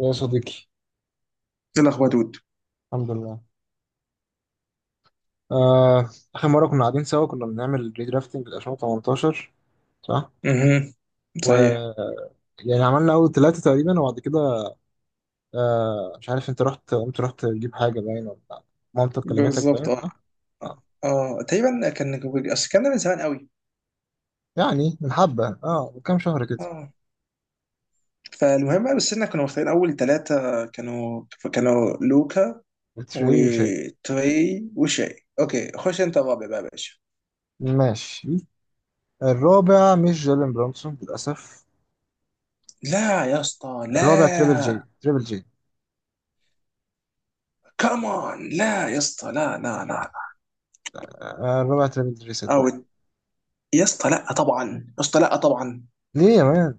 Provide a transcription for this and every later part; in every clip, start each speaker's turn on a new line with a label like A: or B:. A: يا صديقي.
B: ايه الاخبار يا دود؟
A: الحمد لله. آه، آخر مرة كنا قاعدين سوا كنا بنعمل ريدرافتنج ل 2018، صح؟
B: امم
A: و،
B: صحيح.
A: يعني عملنا أول ثلاثة تقريبا وبعد كده مش عارف أنت رحت قمت رحت تجيب حاجة باين ولا مامتك كلمتك باين،
B: بالظبط اه.
A: صح؟ آه.
B: اه تقريبا كان اصل كان ده من زمان قوي.
A: يعني من حبة من كام شهر كده.
B: اه. فالمهم بقى، بس احنا كنا مختارين اول ثلاثه كانوا لوكا
A: بتري وشاي.
B: وتري وشاي. اوكي، خش انت الرابع بقى يا باشا.
A: ماشي. الرابع مش جيلين برونسون للأسف.
B: لا يا اسطى
A: الرابع تريبل جي،
B: لا.
A: تريبل جي.
B: كمان لا يا اسطى، لا لا لا لا.
A: الرابع تريبل جي
B: او
A: صدقني.
B: يا اسطى لا طبعا، يا اسطى لا طبعا.
A: ليه يا مان؟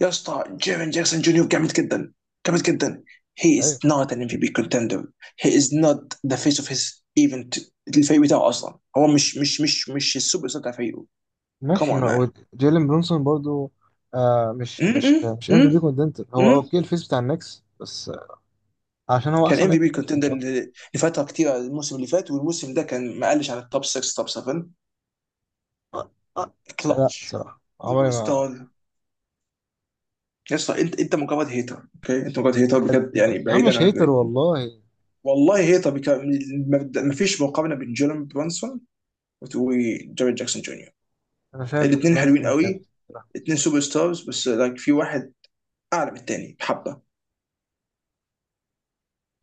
B: يا اسطى جيرين جاكسون جونيور جامد جدا، جامد جدا. he is
A: أيوة.
B: not an MVP contender, he is not the face of his, even الفريق بتاعه اصلا هو مش السوبر ستار بتاع فريقه. come
A: ماشي،
B: on
A: هو
B: man.
A: جيلين برونسون برضو. مش مش
B: م-
A: مش ام في بي
B: م-
A: كوندنتر، هو
B: م-
A: اوكي الفيس بتاع النكس بس عشان هو
B: كان
A: احسن
B: ام في
A: لعيب في
B: بي
A: النكس مش
B: كونتندر
A: اكتر.
B: لفتره كتير. الموسم اللي فات والموسم ده كان ما قلش عن التوب 6 توب 7.
A: آه. آه. لا
B: كلتش
A: الصراحه عمري
B: سوبر
A: ما.
B: ستار. يا اسطى، انت مجرد هيتر، اوكي انت مجرد هيتر بجد، يعني
A: يا عم
B: بعيدا
A: مش هيتر
B: عن...
A: والله.
B: والله هيتر بك... ما فيش مقارنه بين جيلن برانسون وجاريد جاكسون جونيور.
A: انا شايف
B: الاثنين حلوين
A: برونسون
B: قوي،
A: الخامس بصراحة.
B: اثنين سوبر ستارز، بس لايك في واحد اعلى من الثاني بحبه.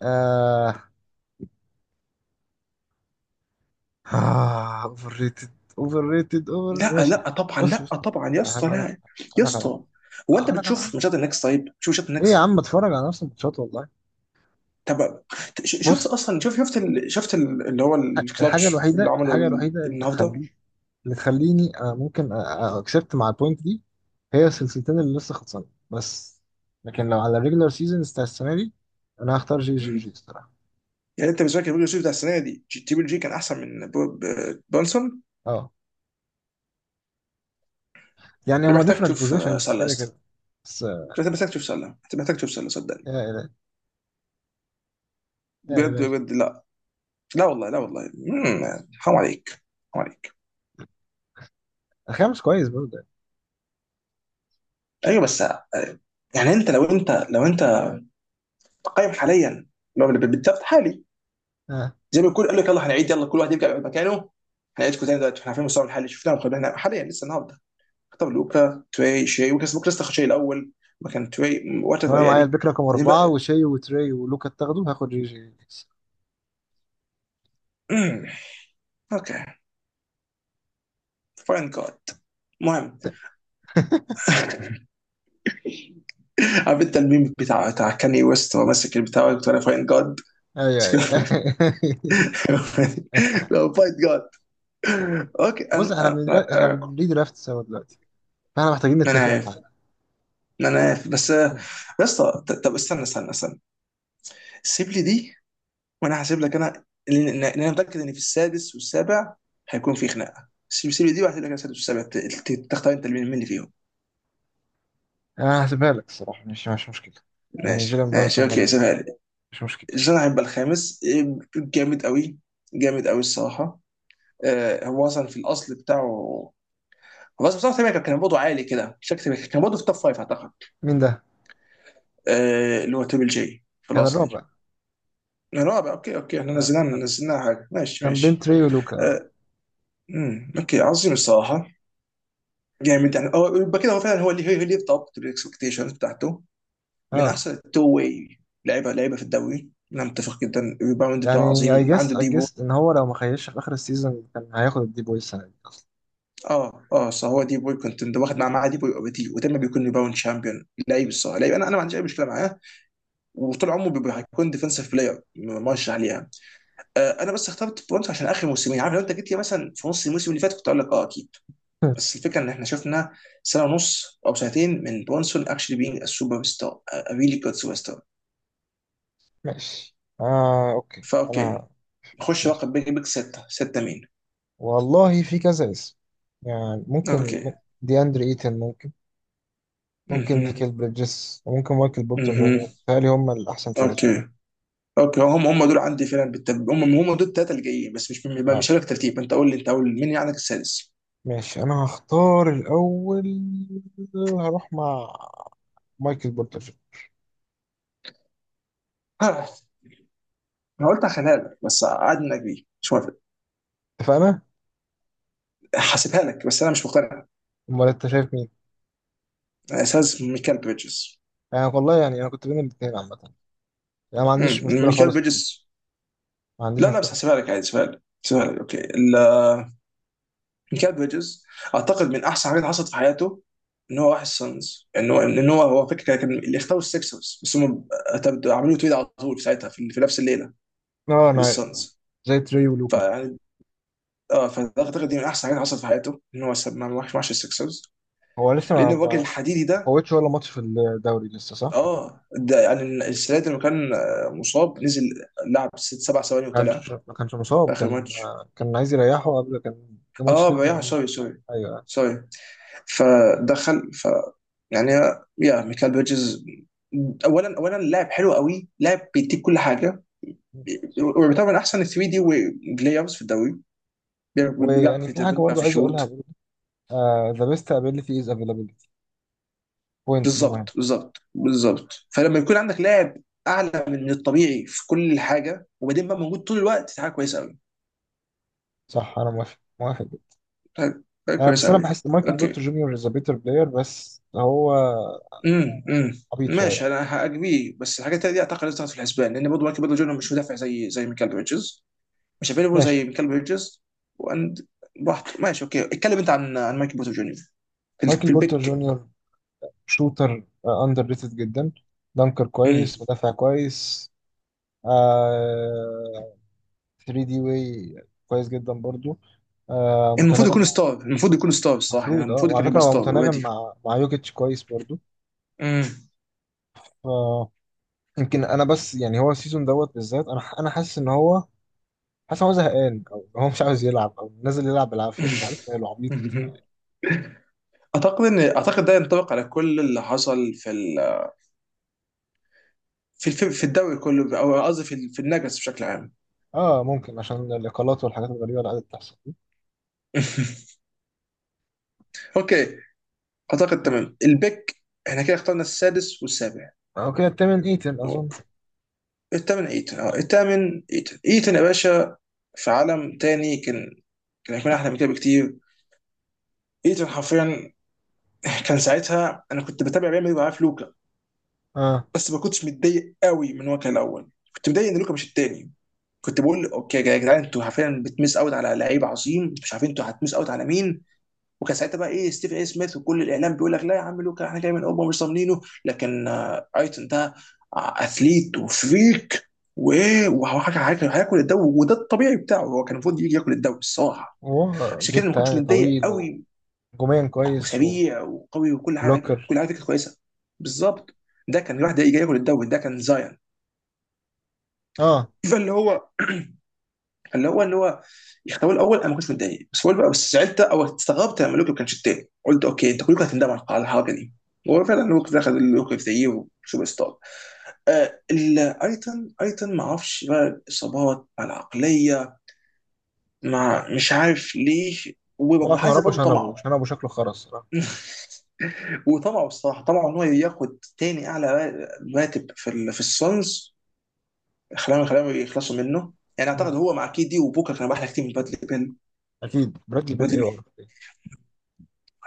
A: آه. آه اوفر ريتد، اوفر ريتد، اوفر
B: لا
A: ماشي.
B: لا طبعا،
A: بص بص،
B: لا طبعا يا
A: أقول لك
B: اسطى
A: على حاجة،
B: لا. يا
A: أقول لك على حاجة،
B: اسطى، هو انت
A: أقول لك على
B: بتشوف
A: حاجة.
B: ماتشات النكس؟ طيب شوف ماتشات
A: ليه يا
B: النكس.
A: عم اتفرج على نفس الماتشات والله.
B: طب شفت
A: بص،
B: اصلا، شوف شفت ال... شفت ال... اللي هو الكلاتش اللي عمله
A: الحاجة
B: ال-
A: الوحيدة اللي
B: النهارده.
A: تخليه، اللي تخليني ممكن اكسبت مع البوينت دي، هي السلسلتين اللي لسه خلصانه بس. لكن لو على الريجلر سيزونز بتاع السنه دي، انا هختار جي جي جي الصراحه.
B: يعني انت بالنسبه لك البيج بتاع السنه دي جي- تريبل جي كان احسن من بو- ب- بونسون؟
A: اه يعني
B: ده
A: هما
B: محتاج
A: ديفرنت
B: تشوف
A: بوزيشنز
B: سله يا
A: كده
B: اسطى.
A: كده. بس
B: انت محتاج تشوف سله، انت محتاج تشوف سله صدقني.
A: يا الهي، يا
B: بجد
A: الهي.
B: بجد لا. لا والله لا والله. حرام عليك، حرام عليك.
A: الخامس كويس برضه يعني.
B: ايوه بس يعني انت لو انت قايم حاليا، لو اللي بالضبط حالي،
A: اه
B: زي ما يكون قال لك يلا هنعيد، يلا كل واحد يرجع مكانه، هنعيدكم تاني دلوقتي، احنا عارفين مستوى الحالي شفناه وخدناه. احنا حاليا لسه النهارده اختار لوكا تري شي وكاس بوك لسه شي الاول مكان تري. وات ايفر
A: انا معايا
B: يعني.
A: البيك رقم
B: بعدين
A: اربعه،
B: بقى.
A: وشي وتري ولوكا تاخده، هاخد جي جي.
B: مم، اوكي. فاين جاد. المهم. عارف انت الميم بتاع كاني ويست وهو ماسك البتاع بتاع فاين جاد؟
A: ايوه ايوه.
B: لو فاين جاد، اوكي
A: بص،
B: انا
A: احنا
B: انا
A: بنري درافت سوا دلوقتي، فاحنا محتاجين
B: أنا
A: نتفق على
B: عارف،
A: حاجه.
B: انا عارف بس
A: مم.
B: يا اسطى، ط- طب استنى استنى. سيب لي دي وانا هسيب لك، انا لان لأن انا متاكد ان في السادس والسابع هيكون في خناقه. سيب لي دي وهسيب لك السادس والسابع. تختار انت مين اللي فيهم.
A: انا هسيبها لك الصراحه، مش مشكله، يعني
B: ماشي
A: جيلان
B: ماشي، اوكي
A: برانسون
B: سيبها لي.
A: مش مشكلة.
B: جون هيبقى الخامس جامد قوي، جامد قوي الصراحه. هو اصلا في الاصل بتاعه، هو اصلا بتاعه تقريباً كان برضه عالي كده، شكله كان برضه في توب فايف اعتقد.
A: مين ده؟
B: اللي هو تريبل جي في
A: كان
B: الاصل
A: الرابع.
B: رابع. اوكي اوكي، احنا
A: آه.
B: نزلنا
A: آه.
B: نزلنا حاجه. ماشي
A: كان بين
B: ماشي.
A: تري ولوكا، اه.
B: آه. اوكي عظيم الصراحه، جامد يعني. هو- يبقى كده هو فعلا هو اللي هو اللي يتضبط بالاكسبكتيشنز بتاعته. من
A: آه.
B: احسن التو واي لعيبه، في الدوري انا متفق جدا. الريباوند بتاعه
A: يعني اي
B: عظيم،
A: جس
B: عنده
A: اي
B: دي بوي.
A: جس ان هو لو ما خيش في اخر السيزون كان هياخد الدي بوي السنه دي اصلا.
B: اه اه صح، هو دي بوي كنت واخد معاه دي بوي اوريدي، ودايما بيكون ريباوند شامبيون. لعيب الصراحه لعيب، انا ما عنديش اي مشكله معاه، وطول عمره بيبقى هيكون ديفنسيف بلاير مرشح ليها. آه انا بس اخترت برونز عشان اخر موسمين. عارف، لو انت جيت لي مثلا في نص الموسم اللي فات كنت اقول لك اه اكيد. بس الفكره ان احنا شفنا سنه ونص او سنتين من برونسون اكشلي بينج سوبر ستار، ريلي جود سوبر ستار.
A: ماشي، آه أوكي،
B: فاوكي،
A: أنا
B: نخش
A: ماشي.
B: بقى بيج سته. سته مين؟
A: والله في كذا اسم، يعني ممكن
B: اوكي.
A: دي أندري إيتن ممكن، ممكن
B: اها
A: نيكل بريدجز، وممكن مايكل بورتر جونيور.
B: اها،
A: تهيألي هم الأحسن ثلاثة.
B: اوكي اوكي، هم دول عندي فعلا بالتب... هم دول الثلاثه اللي جايين. بس مش
A: آه
B: مش هقول لك ترتيب، انت قول لي، انت قول مين عندك السادس.
A: ماشي، أنا هختار الأول، هروح مع مايكل بورتر جونيور.
B: ها، انا قلت هخليها لك، بس قاعد انك بيه مش موافق.
A: اتفقنا؟
B: هسيبها لك بس انا مش مقتنع.
A: أمال أنت شايف مين؟
B: اساس ميكال بريدجز.
A: يعني والله، يعني انا كنت بين الاثنين عامه، يعني ما عنديش مشكله
B: ميكال
A: خالص في دي،
B: بريدجز.
A: ما عنديش
B: لا لا،
A: مشكله
B: بس
A: خالص.
B: هسيبها لك عادي، هسيبها لك، هسيبها لك اوكي. ميكال بريدجز اعتقد من احسن حاجات حصلت في حياته ان هو راح السانز. ان هو ان هو هو فكره كان اللي اختاروا السكسرز، بس هم اعتمدوا- عملوا تريد على طول في ساعتها في، في نفس الليله
A: اه انا عارف يعني.
B: للسانز.
A: زي تري ولوكا كده.
B: فيعني اه، فاعتقد دي من احسن حاجات حصلت في حياته ان هو ساب- ما راحش السكسرز،
A: هو لسه ما
B: لان الراجل
A: ما
B: الحديدي
A: ما
B: ده
A: فوتش ولا ماتش في الدوري لسه، صح؟
B: اه ده يعني السنه دي لما كان مصاب نزل لعب ست سبع ثواني
A: ما
B: وطلع
A: كانش ما كانش
B: في
A: مصاب،
B: اخر
A: كان
B: ماتش.
A: كان عايز يريحه قبل، كان في ماتش
B: اه بيع،
A: 82.
B: سوري سوري
A: ايوه.
B: سوري. فدخل ف يعني، يا ميكال بيرجز، اولا لاعب حلو قوي، لاعب بيديك كل حاجه، ويعتبر من احسن 3 دي بلايرز في الدوري. بي- بيعرف
A: ويعني في حاجه
B: يدبل،
A: برضو
B: بيعرف
A: عايز
B: يشوت.
A: اقولها برضو، ذا بيست ابيليتي از افيلابيلتي، بوينت دي مهم.
B: بالظبط، فلما يكون عندك لاعب اعلى من الطبيعي في كل حاجه وبعدين بقى موجود طول الوقت، دي حاجه كويسه قوي.
A: صح انا موافق، موافق جدا.
B: حاجة
A: آه بس
B: كويسه
A: انا
B: قوي.
A: بحس مايكل
B: اوكي.
A: بورتر جونيور از ا بيتر بلاير، بس هو
B: امم امم
A: عبيط شويه.
B: ماشي، انا هاجبيه، بس الحاجات التانية دي اعتقد لازم تاخد في الحسبان، لان برضه مايكل برضه جونيور مش مدافع زي ميكال بيرجز، مش افيلبل
A: ماشي.
B: زي كلب هيدجز واند. براحته، ماشي، اوكي اتكلم انت عن مايكل بورتر جونيور في،
A: مايكل
B: في
A: بورتر
B: البيك.
A: جونيور شوتر اندر ريتد جدا، دانكر
B: مم.
A: كويس، مدافع كويس، آه 3 دي واي كويس جدا برضو. آه
B: المفروض
A: متناغم
B: يكون
A: مع.
B: ستار، المفروض يكون ستار الصراحه. يعني
A: المفروض اه،
B: المفروض كان
A: وعلى فكره
B: يبقى
A: هو
B: ستار
A: متناغم
B: اوريدي.
A: مع مع يوكيتش كويس برضو. ف يمكن انا بس، يعني هو السيزون دوت بالذات، انا انا حاسس ان هو، حاسس ان هو زهقان، او هو مش عاوز يلعب، او نازل يلعب بالعافيه مش عارف ماله عبيط.
B: اعتقد ده ينطبق على كل اللي حصل في ال... في الدوري كله، او قصدي في ال- في النجس بشكل عام.
A: اه ممكن عشان الاقالات والحاجات الغريبه اللي قاعده بتحصل دي.
B: اوكي. اعتقد تمام البيك. احنا كده اخترنا السادس والسابع.
A: او كده التمن ايتن اظن.
B: الثامن ايتن. اه الثامن ايتن، ايتن يا باشا، في عالم تاني كان، كان هيكون احلى من كده بكتير. ايتن حرفيا، كان ساعتها انا كنت بتابع ريال مدريد وعارف لوكا.
A: اه
B: بس ما كنتش متضايق قوي من هو كان الاول، كنت متضايق ان لوكا مش التاني. كنت بقول اوكي يا جدعان، انتوا حرفيا بتمس اوت على لعيب عظيم، مش عارفين انتوا هتمس اوت على مين. وكان ساعتها بقى ايه ستيفن اي سميث وكل الاعلام بيقول لك لا يا عم لوكا، احنا جاي من اوروبا مش ضامنينه، لكن ايتون ده اثليت وفريك، وايه، وهياكل هياكل الدوري، وده الطبيعي بتاعه. هو كان المفروض يجي ياكل الدوري الصراحه،
A: هو
B: عشان كده أنا ما
A: جيتا
B: كنتش
A: يعني
B: متضايق
A: طويل،
B: قوي.
A: هجوميا كويس،
B: وسريع وقوي وكل حاجه، كل
A: وبلوكر.
B: حاجه كانت كويسه. بالظبط، ده كان واحد جاي ياكل الدوري، ده كان زاين.
A: اه
B: فاللي هو اللي هو يختاروا الاول انا ما كنتش متضايق، بس هو بقى بس زعلت او استغربت لما لوكي ما كانش التاني. قلت اوكي انت كلكم هتندموا على الحركه دي. هو فعلا لوكي دخل، لوكي في زيه سوبر ستار. آه ايتن، ايتن ما اعرفش بقى الاصابات مع العقليه مع مش عارف ليه.
A: هو عشان
B: وعايز
A: ربى،
B: برضه طمعه.
A: عشان ابوه شكله خرس صراحه.
B: وطمعه الصراحه، طمعه ان هو ياخد تاني اعلى راتب في ال- في السونز خلاهم، يخلصوا منه. يعني اعتقد
A: مم.
B: هو مع كيدي وبوكا كان احلى كتير من بادلي بيل.
A: اكيد برادلي بيل، ايه وعرف ايه.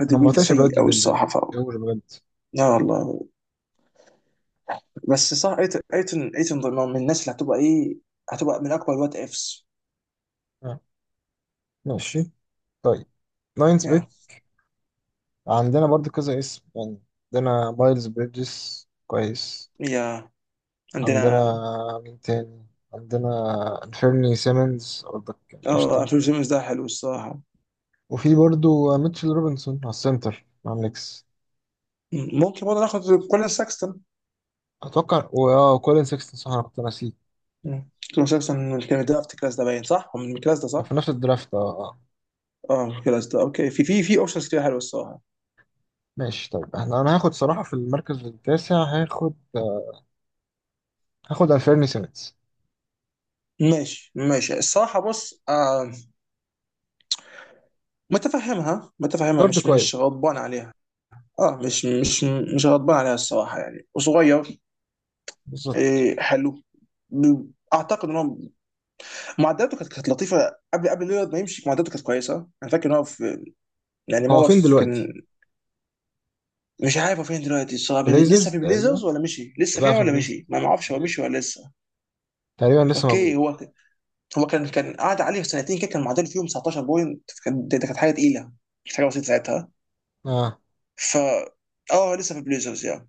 B: هادي
A: انا ما
B: بيل
A: بطيقش
B: سيء
A: برادلي
B: قوي
A: بيل ده،
B: الصراحه. ف
A: ايه هو اللي بجد.
B: لا والله. بس صح، ايتن ايتن ايتن ضمن- من الناس اللي هتبقى ايه، هتبقى من اكبر وات افس.
A: آه. ماشي طيب، ناينز
B: يا.
A: بيت، عندنا برضو كذا اسم يعني. عندنا مايلز بريدجز كويس،
B: يا.
A: عندنا
B: عندنا،
A: مين تاني، عندنا انفيرني سيمنز برضك.
B: اه
A: قشطة.
B: انفيل سيمنز ده حلو الصراحه.
A: وفي برضو ميتشل روبنسون على السنتر مع النكس.
B: م- ممكن برضه ناخد كولين ساكستون.
A: أتوقع، كولين سيكستون صح، أنا كنت ناسيه.
B: م. كولين ساكستون من كان درافت الكلاس ده باين صح؟ هو من الكلاس ده
A: كان
B: صح؟
A: في نفس الدرافت، آه. آه.
B: اه من الكلاس ده. اوكي، في في اوبشنز كتير حلوه الصراحه.
A: ماشي طيب، احنا انا هاخد صراحة في المركز التاسع، هاخد هاخد الفيرني سيمنز.
B: ماشي ماشي الصراحه، بص آه متفهمها،
A: جارد
B: مش
A: كويس.
B: غضبان عليها. اه مش غضبان عليها الصراحه، يعني وصغير.
A: بالظبط.
B: إيه حلو. ب- اعتقد ان هو معداته كانت لطيفه قبل ليلارد ما يمشي، معداته كانت كويسه. انا فاكر ان هو في يعني، ما
A: هو
B: هو
A: فين
B: في
A: دلوقتي؟
B: كان. مش عارف هو فين دلوقتي الصراحه، لسه
A: بليزرز
B: في
A: تقريبا.
B: بليزرز ولا مشي، لسه
A: لا
B: فيها
A: في
B: ولا
A: بليزرز،
B: مشي، ما اعرفش هو
A: بليزرز.
B: مشي ولا لسه.
A: تقريبا لسه موجود.
B: اوكي. هو كان قعد عليه في سنتين كده كان معدل فيهم 19 بوينت. كان- ده كانت حاجه تقيله، مش حاجه بسيطه ساعتها.
A: اه
B: ف اه لسه في بليزرز يعني.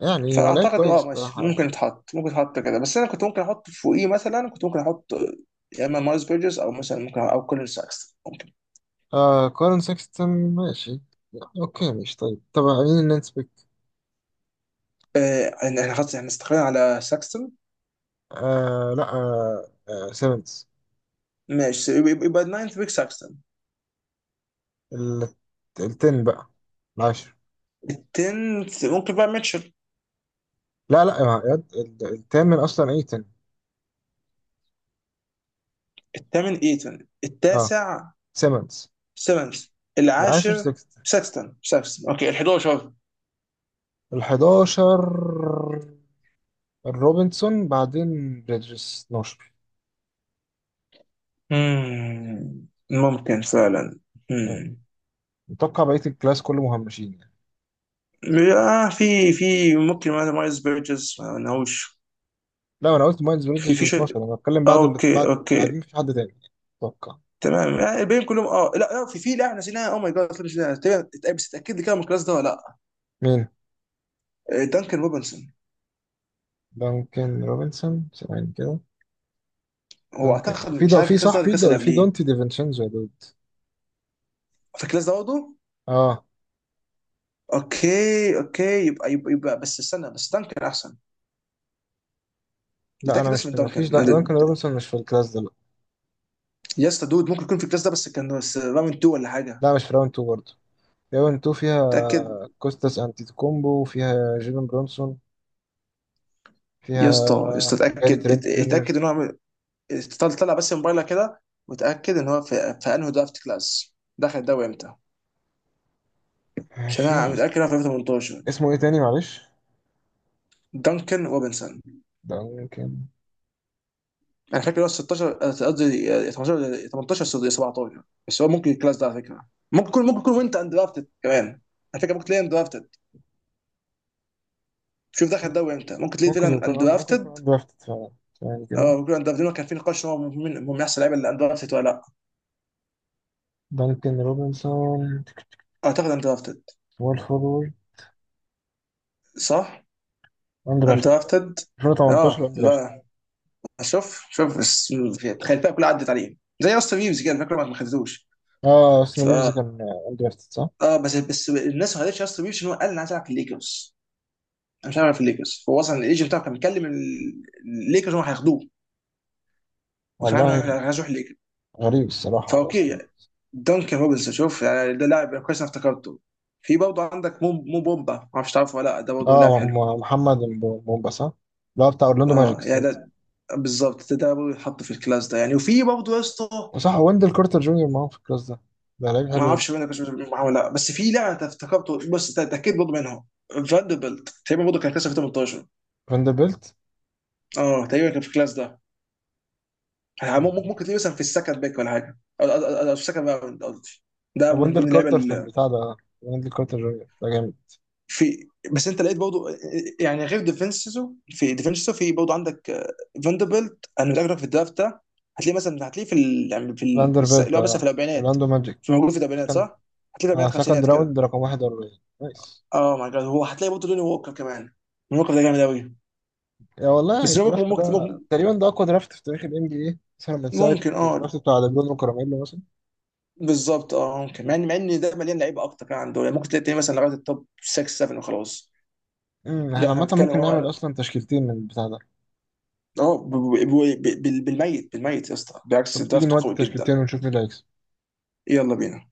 A: يعني هو لعيب
B: فاعتقد إنه اه
A: كويس صراحة
B: ماشي، ممكن
A: يعني.
B: يتحط، ممكن يتحط كده، بس انا كنت ممكن احط فوقيه، مثلا كنت ممكن احط يا اما مايلز بيرجز او مثلا ممكن او كولين ساكستون ممكن.
A: آه كارن ساكستون ماشي. اوكي ماشي طيب، طب مين اللي نسبك؟
B: إن احنا خلاص احنا استقرينا على ساكستون.
A: آه لا آه آه سيمنز.
B: ماشي، يبقى يبقى- يبقى الناينث بيك ساكستون.
A: ال- التن بقى، العاشر.
B: التنث ممكن بقى ميتشل.
A: لا لا يا- يا- التامن اصلا ايتن.
B: الثامن ايتون،
A: اه
B: التاسع
A: سيمنز
B: سيمنز،
A: العاشر.
B: العاشر ساكستون. ساكستون اوكي، ال 11.
A: ال11. الروبنسون بعدين بريدجز 12.
B: مم، ممكن فعلا.
A: يعني
B: مم.
A: متوقع بقية الكلاس كله مهمشين يعني.
B: آه في في ممكن مثلا مايلز بيرجز ما لهوش
A: لا انا قلت مايلز
B: في
A: بريدجز
B: في شيء.
A: 12، انا بتكلم بعد اللي
B: اوكي
A: بعد بعدين
B: اوكي.
A: مفيش حد تاني اتوقع.
B: تمام. الباقيين كلهم اه لا لا في في لاعب نسيناها، اوه ماي جاد احنا نسيناها تقريباً- اتأ- بس تاكد لي كده من الكلاس ده ولا لا.
A: مين؟
B: دانكن روبنسون.
A: دانكن روبنسون ثواني كده.
B: هو
A: دانكن
B: اعتقد
A: في
B: مش
A: دا
B: عارف
A: في
B: الكلاس ده
A: صح
B: ولا
A: في
B: الكلاس
A: دا
B: اللي
A: في
B: قبليه.
A: دونتي ديفينشينزو يا دود.
B: في الكلاس ده برضه.
A: اه.
B: اوكي اوكي، يبقى يبقى بس استنى، بس دانكن احسن.
A: لا انا
B: اتاكد بس
A: مش،
B: من
A: مفيش،
B: دانكن
A: دا دانكن
B: أنا-.
A: روبنسون مش في الكلاس ده لا.
B: يا اسطى دود ممكن يكون في الكلاس ده، بس كان بس راوند 2 ولا حاجه.
A: لا مش في راوند 2 برضه. راوند 2 فيها
B: اتاكد.
A: كوستاس انتيتوكومبو، فيها جيلن برونسون،
B: يا اسطى
A: فيها
B: يا اسطى
A: جاري
B: اتاكد،
A: ترينت
B: ات-
A: جونيور.
B: اتاكد ان هو عمل- طلع طلع بس موبايلك كده وتاكد ان هو في، في انهي درافت كلاس دخل الدوري امتى، عشان انا
A: في اس-
B: متاكد انا في 2018.
A: اسمه ايه تاني معلش؟
B: دانكن روبنسون.
A: دانكن ممكن.
B: انا فاكر هو 16 قصدي 18 ولا 18 ولا 17. بس هو ممكن الكلاس ده على فكره، ممكن يكون، ممكن يكون وانت اندرافتد كمان على فكره، ممكن تلاقيه اندرافتد. شوف دخل الدوري امتى، ممكن تلاقيه
A: ممكن
B: فعلا
A: يكون ممكن يكون
B: اندرافتد.
A: اندرافتد فعلا. ثواني كده.
B: اه ممكن اندرافتد، كان في نقاش هو من احسن اللعيبه اللي اندرافتد ولا لا.
A: دانكن روبنسون
B: اعتقد اندرافتد.
A: وول فورورد
B: صح.
A: اندرافتد
B: اندرافتد.
A: 2018
B: اه
A: اندرافتد.
B: لا، شوف شوف بس، تخيل الفئه كلها عدت عليه زي اصلا ريفز كده، فاكر ما خدتوش.
A: اه اصلا
B: ف
A: ريفز كان اندرافتد صح.
B: اه بس بس الناس ما قالتش اصلا بيبسي ان هو قال انا عايز العب في الليكرز، انا مش هلعب في الليكرز، فهو اصلا الايجنت بتاعه كان بيكلم ال- الليكرز هو هياخدوه، وكان
A: والله
B: عامل إن هو عايز يروح الليكرز.
A: غريب الصراحة
B: فاوكي
A: اصلا.
B: يعني، دانكن روبنسون، شوف يعني ده لاعب كويس، انا افتكرته. في برضه عندك مو بومبا، ما اعرفش تعرفه ولا لا، ده برضه لاعب
A: اه
B: حلو.
A: محمد مومباسا. لا بتاع اورلاندو ماجيك
B: اه يعني
A: سنت.
B: ده بالظبط، ده برضه يتحط في الكلاس ده يعني. وفي برضه يا اسطى،
A: وصح ويندل كارتر جونيور معاهم في الكلاس ده، ده لعيب
B: ما
A: حلو
B: اعرفش
A: جدا.
B: مين كنت معاه ولا لا، بس في لاعب أنا افتكرته. بص ده ده اكيد برضه منهم، فاندربلت تقريبا برضه كان كلاس 2018.
A: فاندربيلت.
B: اه تقريبا كان في الكلاس ده يعني.
A: آه،
B: مم- ممكن تلاقيه مثلا في السكند باك ولا حاجه، أو في السكند باك قصدي. ده من
A: ويندل
B: ضمن اللعيبه
A: كارتر في
B: اللي
A: البتاع ده، ويندل كارتر جونيور ده جامد.
B: في. بس انت لقيت برضه، يعني غير ديفينسيزو، في برضه عندك فاندربيلت انا متاكد في الدرافت ده. هتلاقيه مثلا، هتلاقيه في ال... يعني في ال...
A: فاندربيلت
B: اللي هو مثلا في
A: اه.
B: الاربعينات.
A: اورلاندو ماجيك.
B: في موجود في الاربعينات صح؟
A: كان
B: هتلاقيه في
A: اه
B: الاربعينات
A: سكند
B: خمسينات كده.
A: راوند رقم 41. نايس.
B: اه ماي جاد، هو هتلاقي برضه لوني ووكر كمان. لوني ووكر ده جامد قوي.
A: يا والله يعني
B: بس لوني ووكر
A: الدرافت ده
B: ممكن.
A: تقريبا ده اقوى درافت في تاريخ الNBA، مثلا من ساعه
B: ممكن اه،
A: الدرافت بتاع ليبرون وكارميلو مثلا.
B: بالظبط اه ممكن، مع ان مع ان ده مليان لعيبه اكتر كان عنده، يعني ممكن تلاقي مثلا لغايه التوب 6 7 وخلاص.
A: احنا
B: لا احنا
A: عامه
B: بنتكلم
A: ممكن نعمل
B: هو
A: اصلا تشكيلتين من البتاع ده.
B: اه بالميت، يا اسطى، بالعكس
A: طب تيجي
B: الدرافت
A: نودي
B: قوي جدا.
A: تشكيلتين ونشوف مين اللي هيكسب.
B: يلا بينا.